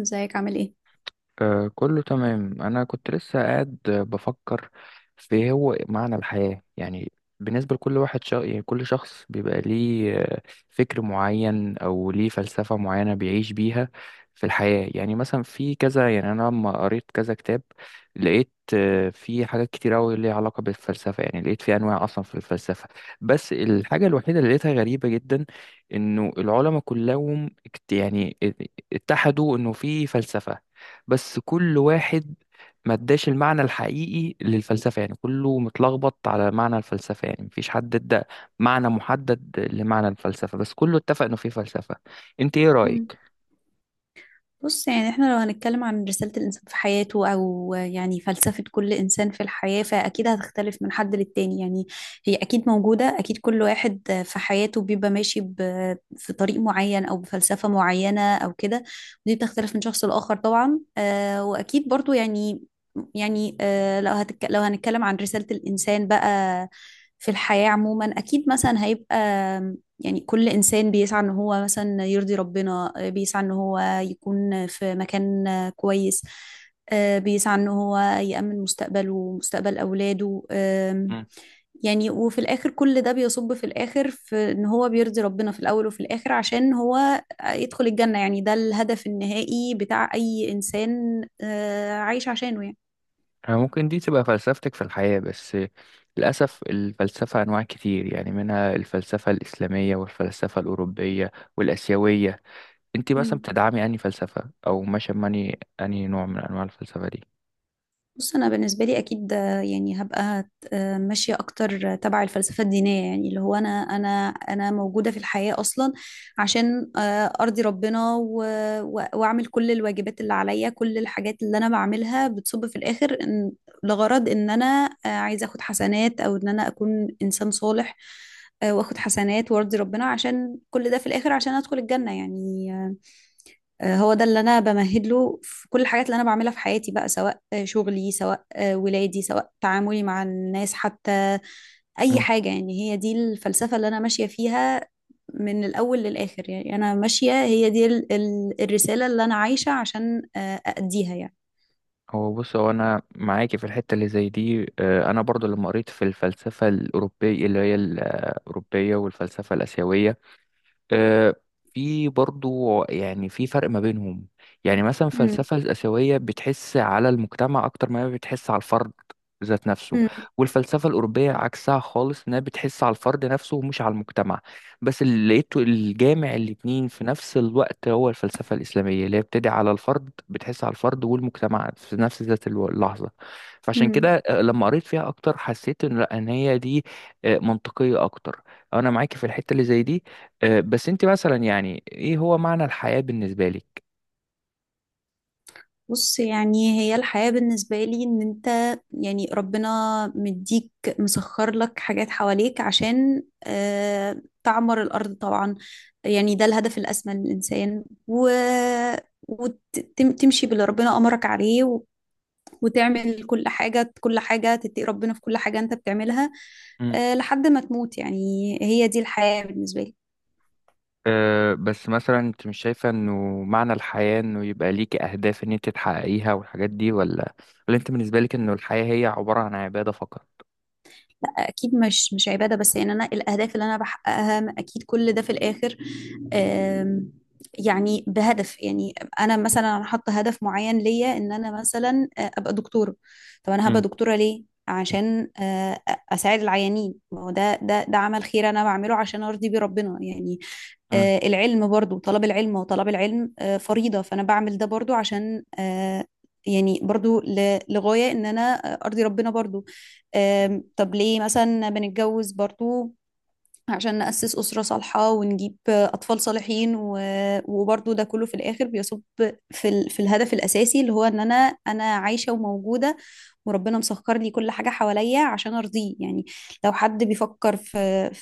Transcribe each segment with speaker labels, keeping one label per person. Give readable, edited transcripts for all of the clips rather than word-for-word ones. Speaker 1: ازيك عامل ايه؟
Speaker 2: آه كله تمام. أنا كنت لسه قاعد، بفكر في هو معنى الحياة، يعني بالنسبة لكل واحد يعني كل شخص بيبقى ليه فكر معين أو ليه فلسفة معينة بيعيش بيها في الحياة. يعني مثلا في كذا، يعني أنا لما قريت كذا كتاب لقيت في حاجات كتير أوي ليها علاقة بالفلسفة. يعني لقيت في أنواع أصلا في الفلسفة، بس الحاجة الوحيدة اللي لقيتها غريبة جدا إنه العلماء كلهم يعني اتحدوا إنه في فلسفة، بس كل واحد ما اداش المعنى الحقيقي للفلسفة. يعني كله متلخبط على معنى الفلسفة، يعني مفيش حد ادى معنى محدد لمعنى الفلسفة، بس كله اتفق انه في فلسفة. انت ايه
Speaker 1: مم.
Speaker 2: رأيك؟
Speaker 1: بص يعني احنا لو هنتكلم عن رسالة الإنسان في حياته أو يعني فلسفة كل إنسان في الحياة فأكيد هتختلف من حد للتاني. يعني هي أكيد موجودة، أكيد كل واحد في حياته بيبقى ماشي في طريق معين أو بفلسفة معينة أو كده، ودي بتختلف من شخص لآخر طبعا. وأكيد برضو لو هنتكلم عن رسالة الإنسان بقى في الحياة عموما، أكيد مثلا هيبقى يعني كل إنسان بيسعى إن هو مثلا يرضي ربنا، بيسعى إن هو يكون في مكان كويس، بيسعى إن هو يأمن مستقبله ومستقبل أولاده.
Speaker 2: مم.
Speaker 1: يعني وفي الآخر كل ده بيصب في الآخر في إن هو بيرضي ربنا في الأول وفي الآخر عشان هو يدخل الجنة. يعني ده الهدف النهائي بتاع أي إنسان عايش عشانه يعني.
Speaker 2: أنا ممكن دي تبقى فلسفتك في الحياة، بس للأسف الفلسفة أنواع كتير، يعني منها الفلسفة الإسلامية والفلسفة الأوروبية والآسيوية. انت مثلا
Speaker 1: مم.
Speaker 2: بتدعمي أنهي فلسفة، أو ماشية ماني أنهي نوع من أنواع الفلسفة دي؟
Speaker 1: بص انا بالنسبه لي اكيد، يعني هبقى ماشيه اكتر تبع الفلسفه الدينيه. يعني اللي هو انا موجوده في الحياه اصلا عشان ارضي ربنا واعمل كل الواجبات اللي عليا. كل الحاجات اللي انا بعملها بتصب في الاخر إن لغرض ان انا عايزه اخد حسنات او ان انا اكون انسان صالح، واخد حسنات وارضي ربنا عشان كل ده في الاخر عشان ادخل الجنه يعني. هو ده اللي انا بمهد له في كل الحاجات اللي انا بعملها في حياتي بقى، سواء شغلي، سواء ولادي، سواء تعاملي مع الناس، حتى اي حاجة. يعني هي دي الفلسفة اللي انا ماشية فيها من الاول للاخر. يعني انا ماشية، هي دي الرسالة اللي انا عايشة عشان اأديها يعني.
Speaker 2: هو بص، هو انا معاكي في الحته اللي زي دي. انا برضو لما قريت في الفلسفه الاوروبيه اللي هي الاوروبيه والفلسفه الاسيويه، آه، في برضو يعني في فرق ما بينهم. يعني مثلا
Speaker 1: مم.
Speaker 2: الفلسفة الآسيوية بتحس على المجتمع أكتر ما هي بتحس على الفرد ذات نفسه، والفلسفة الأوروبية عكسها خالص، إنها بتحس على الفرد نفسه ومش على المجتمع. بس اللي لقيته الجامع الاتنين في نفس الوقت هو الفلسفة الإسلامية، اللي هي بتدعي على الفرد، بتحس على الفرد والمجتمع في نفس ذات اللحظة. فعشان
Speaker 1: مم.
Speaker 2: كده لما قريت فيها أكتر حسيت إن لأ، إن هي دي منطقية أكتر. أنا معاكي في الحتة اللي زي دي. بس انت مثلا يعني ايه هو معنى الحياة بالنسبة لك؟
Speaker 1: بص يعني هي الحياة بالنسبة لي ان انت يعني ربنا مديك، مسخر لك حاجات حواليك عشان تعمر الأرض طبعا. يعني ده الهدف الأسمى للإنسان، وتمشي باللي ربنا أمرك عليه، وتعمل كل حاجة، كل حاجة تتقي ربنا في كل حاجة انت بتعملها،
Speaker 2: مم.
Speaker 1: لحد ما تموت. يعني هي دي الحياة بالنسبة لي.
Speaker 2: بس مثلا انت مش شايفة انه معنى الحياة انه يبقى ليكي اهداف ان انت تحققيها والحاجات دي، ولا انت بالنسبة لك انه الحياة هي عبارة عن عبادة فقط؟
Speaker 1: اكيد مش عباده بس، يعني انا الاهداف اللي انا بحققها اكيد كل ده في الاخر. آم، يعني بهدف. يعني انا مثلا انا حاطه هدف معين ليا ان انا مثلا ابقى دكتوره. طب انا هبقى
Speaker 2: مم.
Speaker 1: دكتوره ليه؟ عشان اساعد العيانين. ما هو ده عمل خير انا بعمله عشان ارضي بيه ربنا يعني.
Speaker 2: مم.
Speaker 1: العلم برضو، طلب العلم، وطلب العلم فريضة، فأنا بعمل ده برضو عشان يعني برضو لغاية إن أنا أرضي ربنا برضو.
Speaker 2: مم.
Speaker 1: طب ليه مثلا بنتجوز برضو؟ عشان نأسس أسرة صالحة ونجيب أطفال صالحين، وبرضو ده كله في الآخر بيصب في في الهدف الأساسي اللي هو إن أنا، أنا عايشة وموجودة وربنا مسخر لي كل حاجة حواليا عشان أرضيه يعني. لو حد بيفكر في،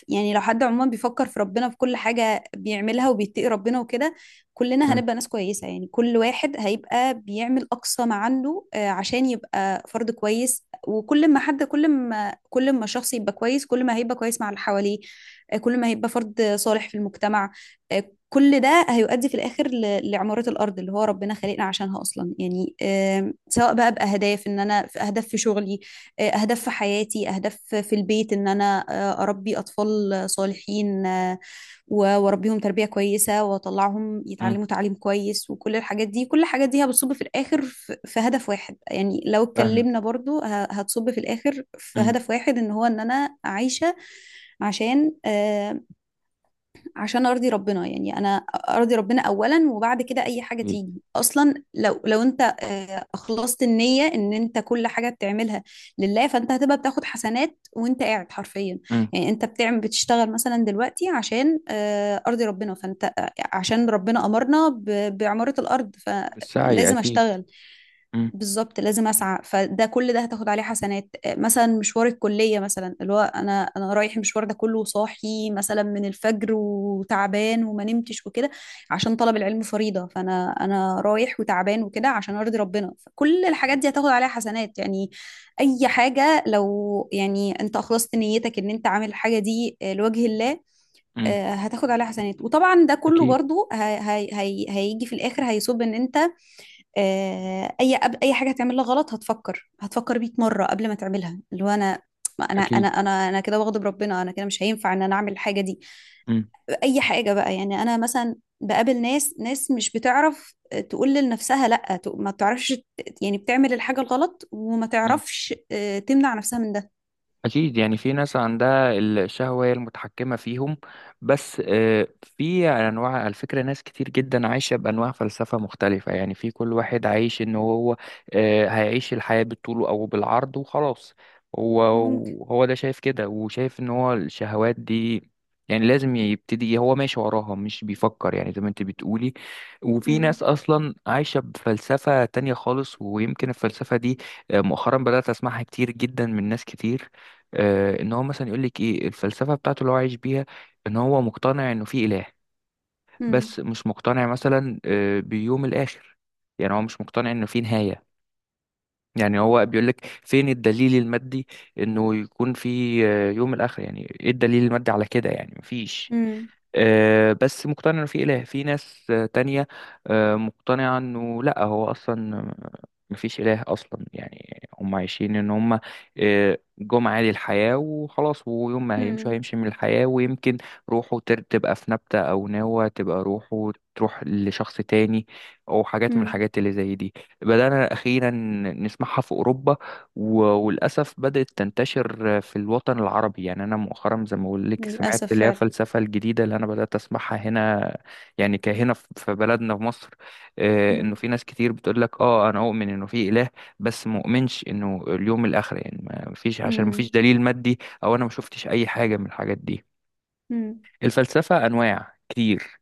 Speaker 1: يعني لو حد عموما بيفكر في ربنا في كل حاجة بيعملها وبيتقي ربنا وكده، كلنا
Speaker 2: مم.
Speaker 1: هنبقى ناس كويسة. يعني كل واحد هيبقى بيعمل أقصى ما عنده عشان يبقى فرد كويس. وكل ما حد، كل ما الشخص يبقى كويس، كل ما هيبقى كويس مع اللي حواليه، كل ما هيبقى فرد صالح في المجتمع. كل ده هيؤدي في الآخر لعمارة الأرض اللي هو ربنا خلقنا عشانها أصلا. يعني سواء بقى بأهداف إن أنا في أهداف في شغلي، أهداف في حياتي، أهداف في البيت، إن أنا أربي أطفال صالحين، وأربيهم تربية كويسة وأطلعهم
Speaker 2: مم.
Speaker 1: يتعلموا تعليم كويس، وكل الحاجات دي، هتصب في الآخر في هدف واحد. يعني لو
Speaker 2: فاهمك.
Speaker 1: اتكلمنا برضو هتصب في الآخر في
Speaker 2: مم.
Speaker 1: هدف واحد إن هو إن أنا عايشة عشان عشان ارضي ربنا. يعني انا ارضي ربنا اولا، وبعد كده اي حاجه
Speaker 2: أكيد.
Speaker 1: تيجي اصلا. لو انت اخلصت النيه ان انت كل حاجه بتعملها لله، فانت هتبقى بتاخد حسنات وانت قاعد حرفيا.
Speaker 2: مم.
Speaker 1: يعني انت بتعمل، بتشتغل مثلا دلوقتي عشان ارضي ربنا. فانت عشان ربنا امرنا باعماره الارض
Speaker 2: بالسعي
Speaker 1: فلازم
Speaker 2: اكيد.
Speaker 1: اشتغل.
Speaker 2: مم.
Speaker 1: بالظبط، لازم اسعى. فده كل ده هتاخد عليه حسنات، مثلا مشوار الكليه مثلا اللي هو انا، رايح المشوار ده كله صاحي مثلا من الفجر وتعبان وما نمتش وكده عشان طلب العلم فريضه. فانا رايح وتعبان وكده عشان ارضي ربنا، فكل الحاجات
Speaker 2: أكيد.
Speaker 1: دي هتاخد عليها حسنات يعني. اي حاجه لو يعني انت اخلصت نيتك ان انت عامل الحاجه دي لوجه الله،
Speaker 2: مم.
Speaker 1: هتاخد عليها حسنات. وطبعا ده كله
Speaker 2: أكيد.
Speaker 1: برضو هيجي في الاخر هيصب ان انت
Speaker 2: مم.
Speaker 1: اي اي حاجه هتعملها غلط هتفكر، 100 مره قبل ما تعملها. اللي هو انا ما انا انا
Speaker 2: أكيد
Speaker 1: انا انا كده بغضب ربنا، انا كده مش هينفع ان انا اعمل الحاجه دي. اي حاجه بقى، يعني انا مثلا بقابل ناس، مش بتعرف تقول لنفسها لا، ما بتعرفش، يعني بتعمل الحاجه الغلط وما
Speaker 2: مم.
Speaker 1: تعرفش تمنع نفسها من ده.
Speaker 2: أكيد يعني في ناس عندها الشهوة هي المتحكمة فيهم. بس في أنواع على فكرة، ناس كتير جدا عايشة بأنواع فلسفة مختلفة. يعني في كل واحد عايش إن هو هيعيش الحياة بالطول أو بالعرض وخلاص. هو
Speaker 1: ممكن.
Speaker 2: هو ده شايف كده، وشايف إن هو الشهوات دي يعني لازم يبتدي، هو ماشي وراها مش بيفكر، يعني زي ما انت بتقولي. وفي ناس
Speaker 1: مم.
Speaker 2: اصلا عايشه بفلسفه تانية خالص، ويمكن الفلسفه دي مؤخرا بدات اسمعها كتير جدا من ناس كتير. ان هو مثلا يقول لك ايه الفلسفه بتاعته اللي هو عايش بيها، ان هو مقتنع انه في اله،
Speaker 1: مم.
Speaker 2: بس مش مقتنع مثلا بيوم الاخر. يعني هو مش مقتنع انه في نهايه، يعني هو بيقول لك فين الدليل المادي انه يكون في يوم الاخر، يعني ايه الدليل المادي على كده؟ يعني مفيش.
Speaker 1: مم.
Speaker 2: بس مقتنع انه في اله. في ناس تانية مقتنعة انه لا، هو اصلا مفيش اله اصلا. يعني هم عايشين ان هم جم عادي الحياة وخلاص، ويوم ما هيمشوا
Speaker 1: مم.
Speaker 2: هيمشي من الحياة. ويمكن روحه تبقى في نبتة او نوى، تبقى روحه تروح لشخص تاني، او حاجات من
Speaker 1: مم.
Speaker 2: الحاجات اللي زي دي. بدأنا أخيرا نسمعها في أوروبا وللأسف بدأت تنتشر في الوطن العربي. يعني أنا مؤخرا زي ما بقول لك سمعت
Speaker 1: للاسف
Speaker 2: اللي هي
Speaker 1: فعلا.
Speaker 2: الفلسفة الجديدة اللي أنا بدأت أسمعها هنا، يعني كهنا في بلدنا في مصر. إنه
Speaker 1: مم.
Speaker 2: في ناس كتير بتقول لك أنا أؤمن إنه في إله، بس مؤمنش إنه اليوم الآخر. يعني ما فيش، عشان ما
Speaker 1: مم.
Speaker 2: فيش دليل مادي، أو أنا ما شفتش أي حاجة من الحاجات دي.
Speaker 1: مم.
Speaker 2: الفلسفة أنواع كتير،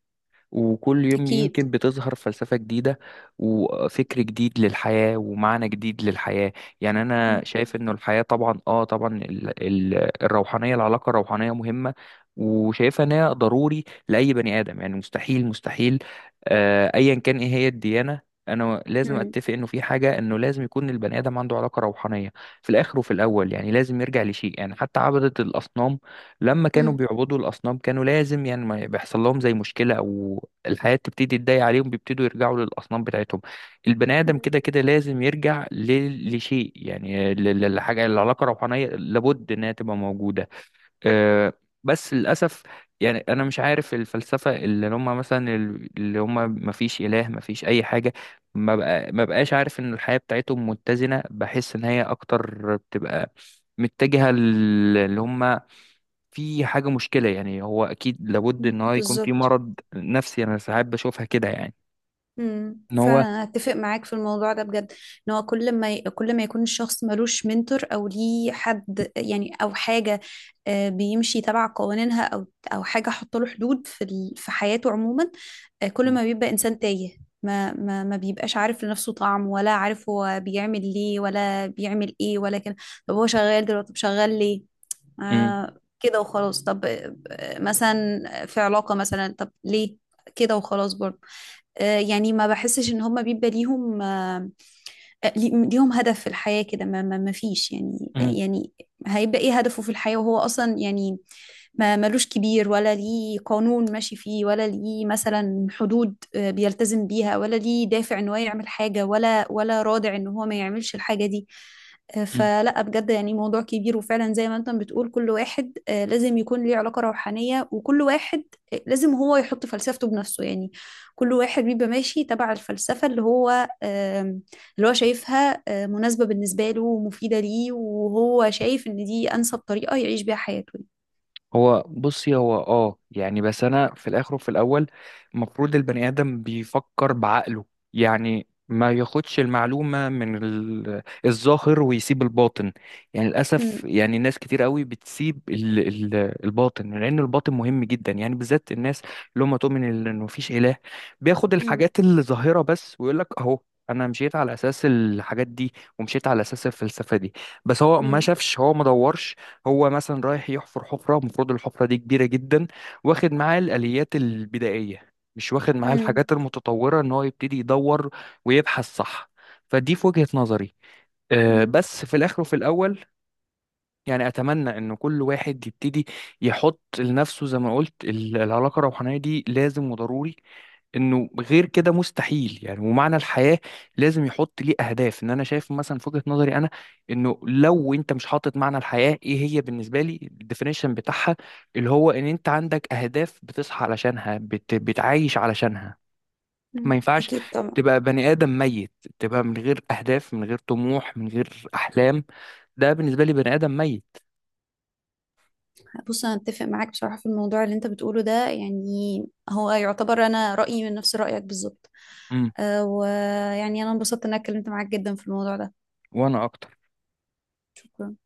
Speaker 2: وكل يوم
Speaker 1: اكيد.
Speaker 2: يمكن بتظهر فلسفة جديدة وفكر جديد للحياة ومعنى جديد للحياة. يعني
Speaker 1: مم.
Speaker 2: أنا شايف إنه الحياة طبعا طبعا الروحانية، العلاقة الروحانية مهمة، وشايفها إن هي ضروري لأي بني آدم. يعني مستحيل مستحيل أيا كان إيه هي الديانة، أنا لازم
Speaker 1: مم.
Speaker 2: أتفق إنه في حاجة، إنه لازم يكون البني آدم عنده علاقة روحانية في الآخر وفي الأول. يعني لازم يرجع لشيء، يعني حتى عبدة الأصنام لما كانوا بيعبدوا الأصنام كانوا لازم، يعني ما بيحصل لهم زي مشكلة أو الحياة تبتدي تضايق عليهم بيبتدوا يرجعوا للأصنام بتاعتهم. البني آدم
Speaker 1: مم.
Speaker 2: كده كده لازم يرجع لشيء، يعني لحاجة. العلاقة الروحانية لابد إنها تبقى موجودة. آه، بس للأسف يعني أنا مش عارف الفلسفة اللي هم، مثلا اللي هم ما فيش إله ما فيش أي حاجة، ما بقاش عارف إن الحياة بتاعتهم متزنة. بحس إن هي أكتر بتبقى متجهة، اللي هم في حاجة مشكلة. يعني هو أكيد لابد إن هو يكون في
Speaker 1: بالظبط.
Speaker 2: مرض نفسي، أنا ساعات بشوفها كده يعني. إن
Speaker 1: فعلا
Speaker 2: هو
Speaker 1: انا اتفق معاك في الموضوع ده بجد. ان هو كل ما كل ما يكون الشخص ملوش منتور او ليه حد يعني، او حاجه بيمشي تبع قوانينها، او حاجه حط له حدود في في حياته عموما، كل
Speaker 2: م-
Speaker 1: ما بيبقى انسان تايه. ما بيبقاش عارف لنفسه طعم، ولا عارف هو بيعمل ليه، ولا بيعمل ايه، ولا كده. طب هو شغال دلوقتي، طب شغال ليه؟
Speaker 2: م-
Speaker 1: آه كده وخلاص. طب مثلا في علاقه مثلا، طب ليه كده وخلاص برضه؟ يعني ما بحسش ان هم بيبقى ليهم ليهم هدف في الحياة كده. ما فيش يعني
Speaker 2: م-
Speaker 1: يعني. هيبقى ايه هدفه في الحياة وهو اصلا يعني ما ملوش كبير، ولا ليه قانون ماشي فيه، ولا ليه مثلا حدود بيلتزم بيها، ولا ليه دافع ان هو يعمل حاجة، ولا رادع ان هو ما يعملش الحاجة دي.
Speaker 2: م.
Speaker 1: فلا، بجد يعني موضوع كبير. وفعلا زي ما انت بتقول كل واحد لازم يكون ليه علاقة روحانية، وكل واحد لازم هو يحط فلسفته بنفسه. يعني كل واحد بيبقى ماشي تبع الفلسفة اللي هو آم، اللي هو شايفها مناسبة بالنسبة له ومفيدة ليه، وهو شايف ان دي انسب طريقة يعيش بيها حياته.
Speaker 2: هو بصي، هو يعني، بس انا في الاخر وفي الاول المفروض البني ادم بيفكر بعقله. يعني ما ياخدش المعلومه من الظاهر ويسيب الباطن. يعني للاسف
Speaker 1: مم،
Speaker 2: يعني ناس كتير قوي بتسيب الباطن، لان الباطن مهم جدا، يعني بالذات الناس اللي هم تؤمن انه مفيش اله، بياخد
Speaker 1: مم،
Speaker 2: الحاجات الظاهره بس ويقول لك اهو، انا مشيت على اساس الحاجات دي ومشيت على اساس الفلسفه دي. بس هو ما
Speaker 1: مم،
Speaker 2: شافش، هو ما دورش. هو مثلا رايح يحفر حفرة، المفروض الحفرة دي كبيرة جدا، واخد معاه الآليات البدائية مش واخد معاه
Speaker 1: مم،
Speaker 2: الحاجات المتطورة ان هو يبتدي يدور ويبحث، صح؟ فدي في وجهة نظري.
Speaker 1: مم،
Speaker 2: بس في الآخر وفي الأول، يعني أتمنى إن كل واحد يبتدي يحط لنفسه زي ما قلت العلاقة الروحانية دي لازم وضروري، انه غير كده مستحيل. يعني ومعنى الحياة لازم يحط ليه اهداف، ان انا شايف مثلا في وجهة نظري انا انه لو انت مش حاطط معنى الحياة ايه هي بالنسبة لي، الديفينيشن بتاعها اللي هو ان انت عندك اهداف بتصحى علشانها بتعايش علشانها. ما
Speaker 1: مم.
Speaker 2: ينفعش
Speaker 1: أكيد طبعا.
Speaker 2: تبقى بني آدم ميت، تبقى من غير اهداف من غير طموح من غير احلام. ده بالنسبة لي بني آدم ميت.
Speaker 1: بص انا اتفق معاك بصراحه في الموضوع اللي انت بتقوله ده. يعني هو يعتبر انا رايي من نفس رايك بالظبط.
Speaker 2: امم.
Speaker 1: أه، ويعني انا انبسطت ان انا اتكلمت معاك جدا في الموضوع ده.
Speaker 2: وانا اكتر.
Speaker 1: شكرا.